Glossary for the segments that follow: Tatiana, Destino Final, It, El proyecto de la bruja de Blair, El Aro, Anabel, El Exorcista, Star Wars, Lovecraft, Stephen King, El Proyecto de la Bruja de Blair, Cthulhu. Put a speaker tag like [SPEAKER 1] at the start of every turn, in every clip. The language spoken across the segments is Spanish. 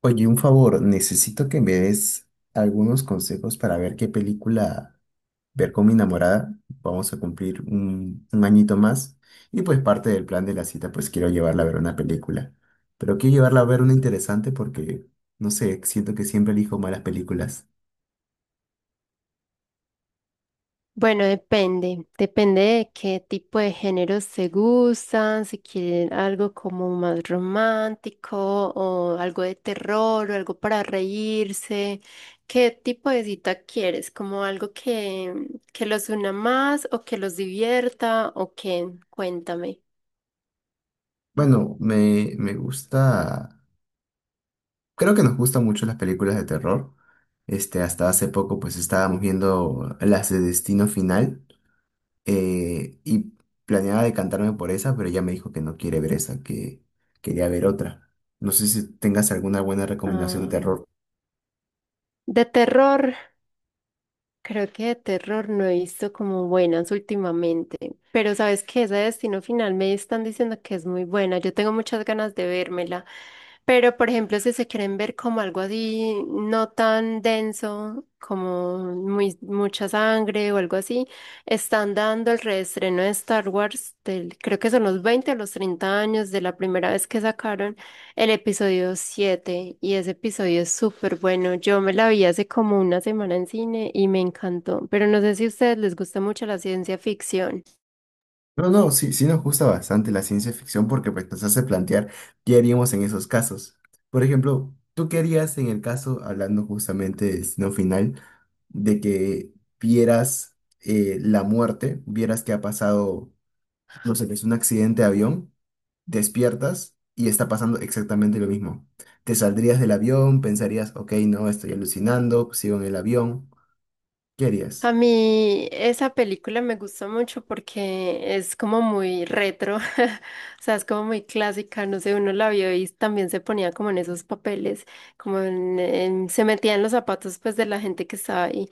[SPEAKER 1] Oye, un favor, necesito que me des algunos consejos para ver qué película ver con mi enamorada. Vamos a cumplir un añito más y pues parte del plan de la cita, pues quiero llevarla a ver una película. Pero quiero llevarla a ver una interesante porque, no sé, siento que siempre elijo malas películas.
[SPEAKER 2] Bueno, depende, depende de qué tipo de géneros se gustan, si quieren algo como más romántico o algo de terror o algo para reírse, qué tipo de cita quieres, como algo que los una más o que los divierta o qué, cuéntame.
[SPEAKER 1] Bueno, me gusta, creo que nos gustan mucho las películas de terror. Este, hasta hace poco pues estábamos viendo las de Destino Final. Y planeaba decantarme por esa, pero ella me dijo que no quiere ver esa, que quería ver otra. No sé si tengas alguna buena recomendación de
[SPEAKER 2] Ah,
[SPEAKER 1] terror.
[SPEAKER 2] de terror. Creo que de terror no he visto como buenas últimamente, pero sabes que ese Destino Final me están diciendo que es muy buena. Yo tengo muchas ganas de vérmela, pero por ejemplo, si se quieren ver como algo así no tan denso, como muy, mucha sangre o algo así, están dando el reestreno de Star Wars del, creo que son los 20 o los 30 años de la primera vez que sacaron el episodio 7 y ese episodio es súper bueno. Yo me la vi hace como una semana en cine y me encantó, pero no sé si a ustedes les gusta mucho la ciencia ficción.
[SPEAKER 1] No, no, sí, sí nos gusta bastante la ciencia ficción porque pues, nos hace plantear qué haríamos en esos casos. Por ejemplo, ¿tú qué harías en el caso, hablando justamente de destino final, de que vieras la muerte, vieras que ha pasado, no sé, que es un accidente de avión? Despiertas y está pasando exactamente lo mismo. Te saldrías del avión, pensarías, ok, no, estoy alucinando, sigo en el avión. ¿Qué harías?
[SPEAKER 2] A mí esa película me gusta mucho porque es como muy retro, o sea, es como muy clásica, no sé, uno la vio y también se ponía como en esos papeles, como se metía en los zapatos pues de la gente que estaba ahí.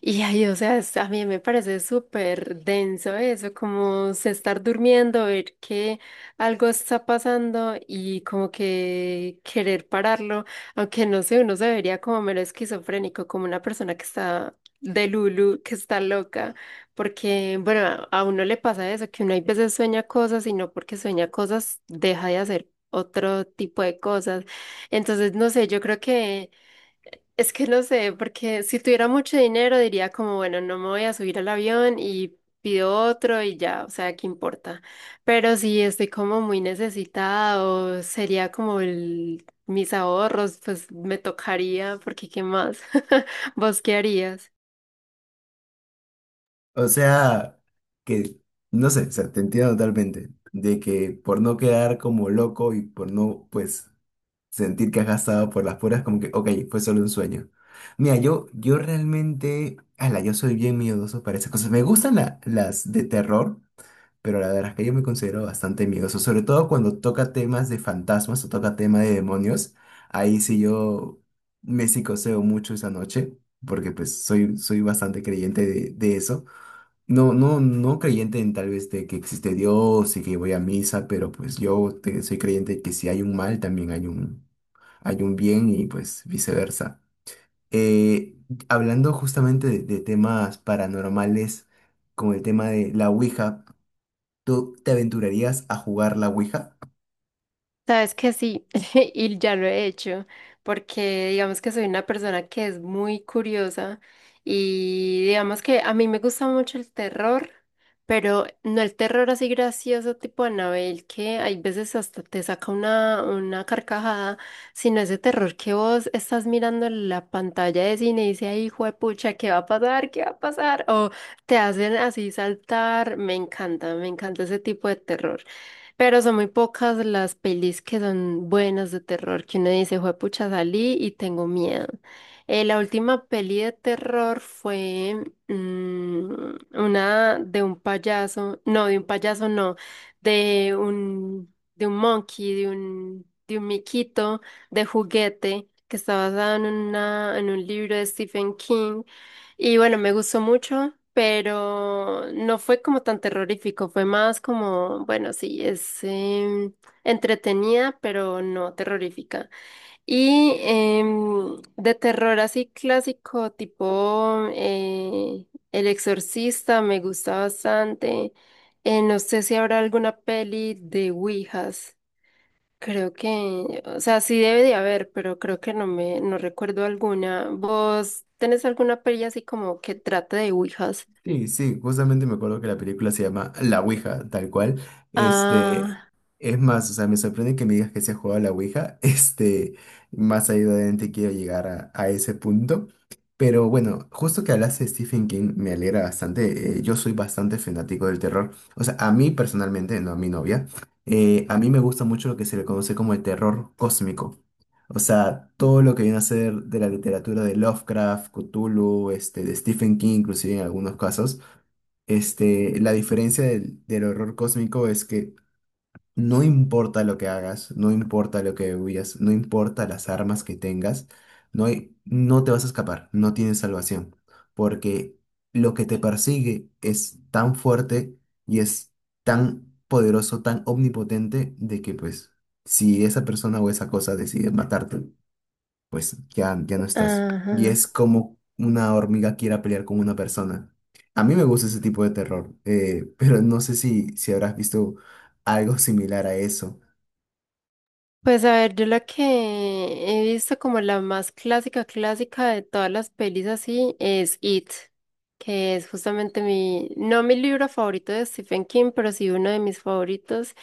[SPEAKER 2] Y ahí, o sea, a mí me parece súper denso eso, como se estar durmiendo, ver que algo está pasando y como que querer pararlo, aunque no sé, uno se vería como mero esquizofrénico, como una persona que está de Lulu, que está loca, porque, bueno, a uno le pasa eso, que uno hay veces sueña cosas y no porque sueña cosas deja de hacer otro tipo de cosas. Entonces, no sé, yo creo que... Es que no sé, porque si tuviera mucho dinero diría como, bueno, no me voy a subir al avión y pido otro y ya, o sea, ¿qué importa? Pero si estoy como muy necesitada o sería como el, mis ahorros, pues me tocaría, porque ¿qué más? ¿Vos qué harías?
[SPEAKER 1] O sea, que, no sé, o sea, te entiendo totalmente, de que por no quedar como loco y por no, pues, sentir que has gastado por las puras, como que, ok, fue solo un sueño. Mira, yo realmente, ala, yo soy bien miedoso para esas cosas. Me gustan las de terror, pero la verdad es que yo me considero bastante miedoso, sobre todo cuando toca temas de fantasmas o toca tema de demonios, ahí sí yo me psicoseo mucho esa noche, porque pues soy, soy bastante creyente de eso. No, no, no creyente en tal vez de que existe Dios y que voy a misa, pero pues soy creyente que si hay un mal también hay un bien y pues viceversa. Eh, Hablando justamente de temas paranormales, como el tema de la Ouija. ¿Tú te aventurarías a jugar la Ouija?
[SPEAKER 2] Sabes que sí, y ya lo he hecho, porque digamos que soy una persona que es muy curiosa y digamos que a mí me gusta mucho el terror, pero no el terror así gracioso tipo Anabel, que hay veces hasta te saca una carcajada, sino ese terror que vos estás mirando en la pantalla de cine y dices, ay, hijo de pucha, ¿qué va a pasar? ¿Qué va a pasar? O te hacen así saltar, me encanta ese tipo de terror. Pero son muy pocas las pelis que son buenas de terror, que uno dice, juepucha, salí y tengo miedo. La última peli de terror fue una de un payaso, no, de un payaso no, de un monkey, de un miquito de juguete, que está basada en una, en un libro de Stephen King, y bueno, me gustó mucho, pero no fue como tan terrorífico, fue más como, bueno, sí, es entretenida, pero no terrorífica. Y de terror así clásico, tipo El Exorcista, me gusta bastante. No sé si habrá alguna peli de Ouijas. Creo que, o sea, sí debe de haber, pero creo que no recuerdo alguna. ¿Vos tenés alguna peli así como que trate de ouijas?
[SPEAKER 1] Sí, sí, justamente me acuerdo que la película se llama La Ouija, tal cual. Este,
[SPEAKER 2] Ah,
[SPEAKER 1] es más, o sea, me sorprende que me digas que se ha jugado a la Ouija. Este, más ahí adelante quiero llegar a ese punto. Pero bueno, justo que hablaste de Stephen King, me alegra bastante. Yo soy bastante fanático del terror. O sea, a mí personalmente, no a mi novia, a mí me gusta mucho lo que se le conoce como el terror cósmico. O sea, todo lo que viene a ser de la literatura de Lovecraft, Cthulhu, este, de Stephen King, inclusive en algunos casos, este, la diferencia del horror cósmico es que no importa lo que hagas, no importa lo que huyas, no importa las armas que tengas, no te vas a escapar, no tienes salvación, porque lo que te persigue es tan fuerte y es tan poderoso, tan omnipotente, de que pues si esa persona o esa cosa decide matarte, pues ya, ya no estás. Y
[SPEAKER 2] ajá.
[SPEAKER 1] es como una hormiga quiera pelear con una persona. A mí me gusta ese tipo de terror, pero no sé si, si habrás visto algo similar a eso.
[SPEAKER 2] Pues a ver, yo la que he visto como la más clásica, clásica de todas las pelis así es It, que es justamente mi, no mi libro favorito de Stephen King, pero sí uno de mis favoritos.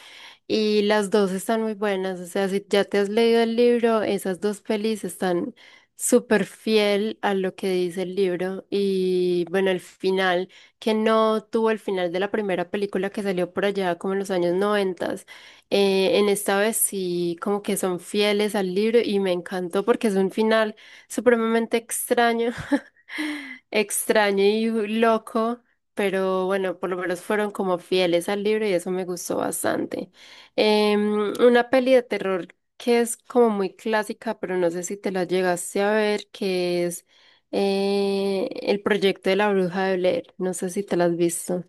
[SPEAKER 2] Y las dos están muy buenas, o sea, si ya te has leído el libro, esas dos pelis están súper fiel a lo que dice el libro. Y bueno, el final, que no tuvo el final de la primera película que salió por allá como en los años noventas, en esta vez sí como que son fieles al libro y me encantó porque es un final supremamente extraño, extraño y loco, pero bueno, por lo menos fueron como fieles al libro y eso me gustó bastante. Una peli de terror que es como muy clásica, pero no sé si te la llegaste a ver, que es El proyecto de la bruja de Blair. No sé si te la has visto.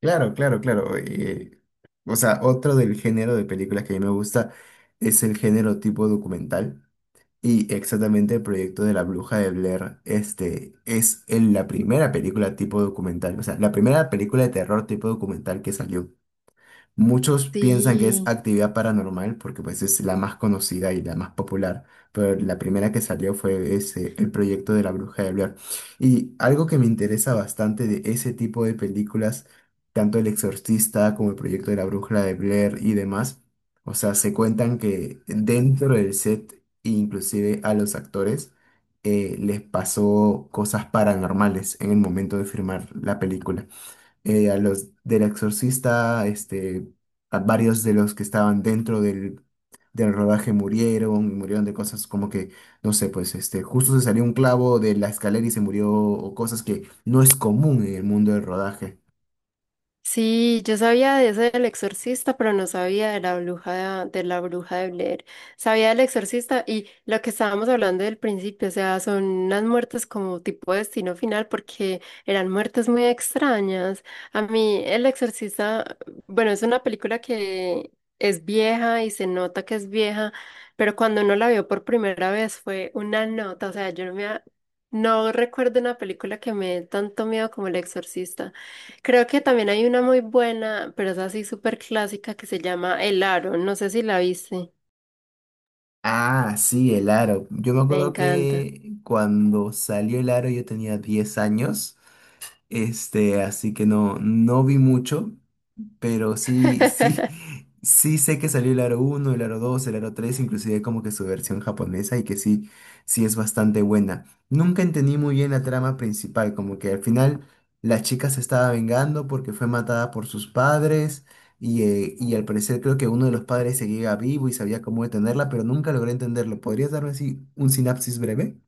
[SPEAKER 1] Claro, claro, claro. Eh, o sea, otro del género de películas que a mí me gusta es el género tipo documental. Y exactamente el proyecto de la Bruja de Blair, este, la primera película tipo documental, o sea, la primera película de terror tipo documental que salió. Muchos piensan que es
[SPEAKER 2] Sí.
[SPEAKER 1] actividad paranormal porque pues es la más conocida y la más popular, pero la primera que salió fue ese, el proyecto de la Bruja de Blair. Y algo que me interesa bastante de ese tipo de películas, tanto El Exorcista como el proyecto de la Bruja de Blair y demás, o sea, se cuentan que dentro del set, inclusive a los actores, les pasó cosas paranormales en el momento de firmar la película a los del exorcista, este, a varios de los que estaban dentro del rodaje murieron, y murieron de cosas como que, no sé, pues este, justo se salió un clavo de la escalera y se murió, o cosas que no es común en el mundo del rodaje.
[SPEAKER 2] Sí, yo sabía de ese del exorcista, pero no sabía de la bruja de, la bruja de Blair. Sabía del exorcista y lo que estábamos hablando del principio, o sea, son unas muertes como tipo destino final porque eran muertes muy extrañas. A mí el exorcista, bueno, es una película que es vieja y se nota que es vieja, pero cuando uno la vio por primera vez fue una nota, o sea, yo no no recuerdo una película que me dé tanto miedo como El Exorcista. Creo que también hay una muy buena, pero es así súper clásica que se llama El Aro. No sé si la viste.
[SPEAKER 1] Ah, sí, el aro. Yo me
[SPEAKER 2] Me
[SPEAKER 1] acuerdo
[SPEAKER 2] encanta.
[SPEAKER 1] que cuando salió el aro yo tenía 10 años, este, así que no, no vi mucho. Pero sí, sí, sí sé que salió el Aro uno, el Aro dos, el Aro tres, inclusive como que su versión japonesa y que sí, sí es bastante buena. Nunca entendí muy bien la trama principal, como que al final la chica se estaba vengando porque fue matada por sus padres y al parecer creo que uno de los padres seguía vivo y sabía cómo detenerla, pero nunca logré entenderlo. ¿Podrías darme así un sinapsis breve?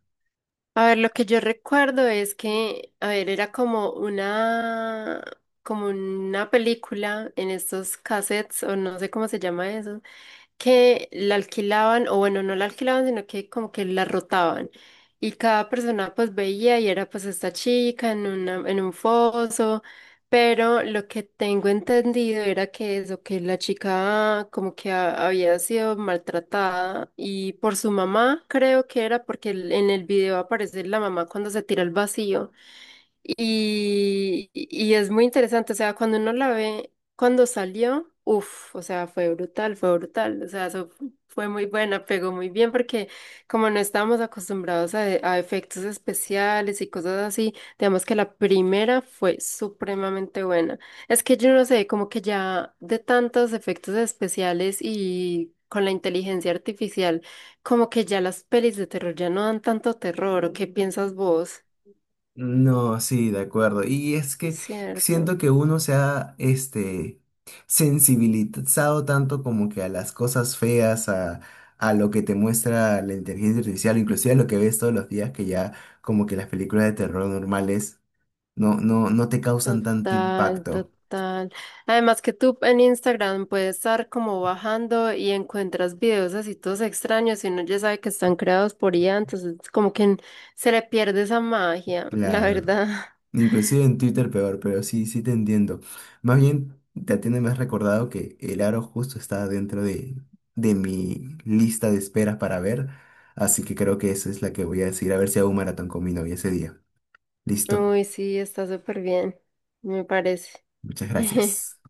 [SPEAKER 2] A ver, lo que yo recuerdo es que, a ver, era como una película en estos cassettes, o no sé cómo se llama eso. Que la alquilaban, o bueno, no la alquilaban, sino que como que la rotaban. Y cada persona pues veía y era pues esta chica en una, en un foso, pero lo que tengo entendido era que eso, que la chica como que había sido maltratada y por su mamá, creo que era porque en el video aparece la mamá cuando se tira al vacío. Y es muy interesante, o sea, cuando uno la ve, cuando salió, uff, o sea, fue brutal, o sea, eso fue muy buena, pegó muy bien porque como no estábamos acostumbrados a efectos especiales y cosas así, digamos que la primera fue supremamente buena. Es que yo no sé, como que ya de tantos efectos especiales y con la inteligencia artificial, como que ya las pelis de terror ya no dan tanto terror, ¿o qué piensas vos?
[SPEAKER 1] No, sí, de acuerdo. Y es que
[SPEAKER 2] Cierto.
[SPEAKER 1] siento que uno se ha, este, sensibilizado tanto como que a las cosas feas, a lo que te muestra la inteligencia artificial, inclusive a lo que ves todos los días, que ya como que las películas de terror normales no, no, no te causan tanto
[SPEAKER 2] Total,
[SPEAKER 1] impacto.
[SPEAKER 2] total. Además que tú en Instagram puedes estar como bajando y encuentras videos así todos extraños y uno ya sabe que están creados por IA, entonces como que se le pierde esa magia, la
[SPEAKER 1] Claro.
[SPEAKER 2] verdad.
[SPEAKER 1] Inclusive en Twitter peor, pero sí, sí te entiendo. Más bien, Tatiana, me has recordado que el aro justo está dentro de mi lista de espera para ver, así que creo que esa es la que voy a decir, a ver si hago un maratón con mi novia ese día. Listo,
[SPEAKER 2] Uy, sí, está súper bien, me parece.
[SPEAKER 1] muchas gracias.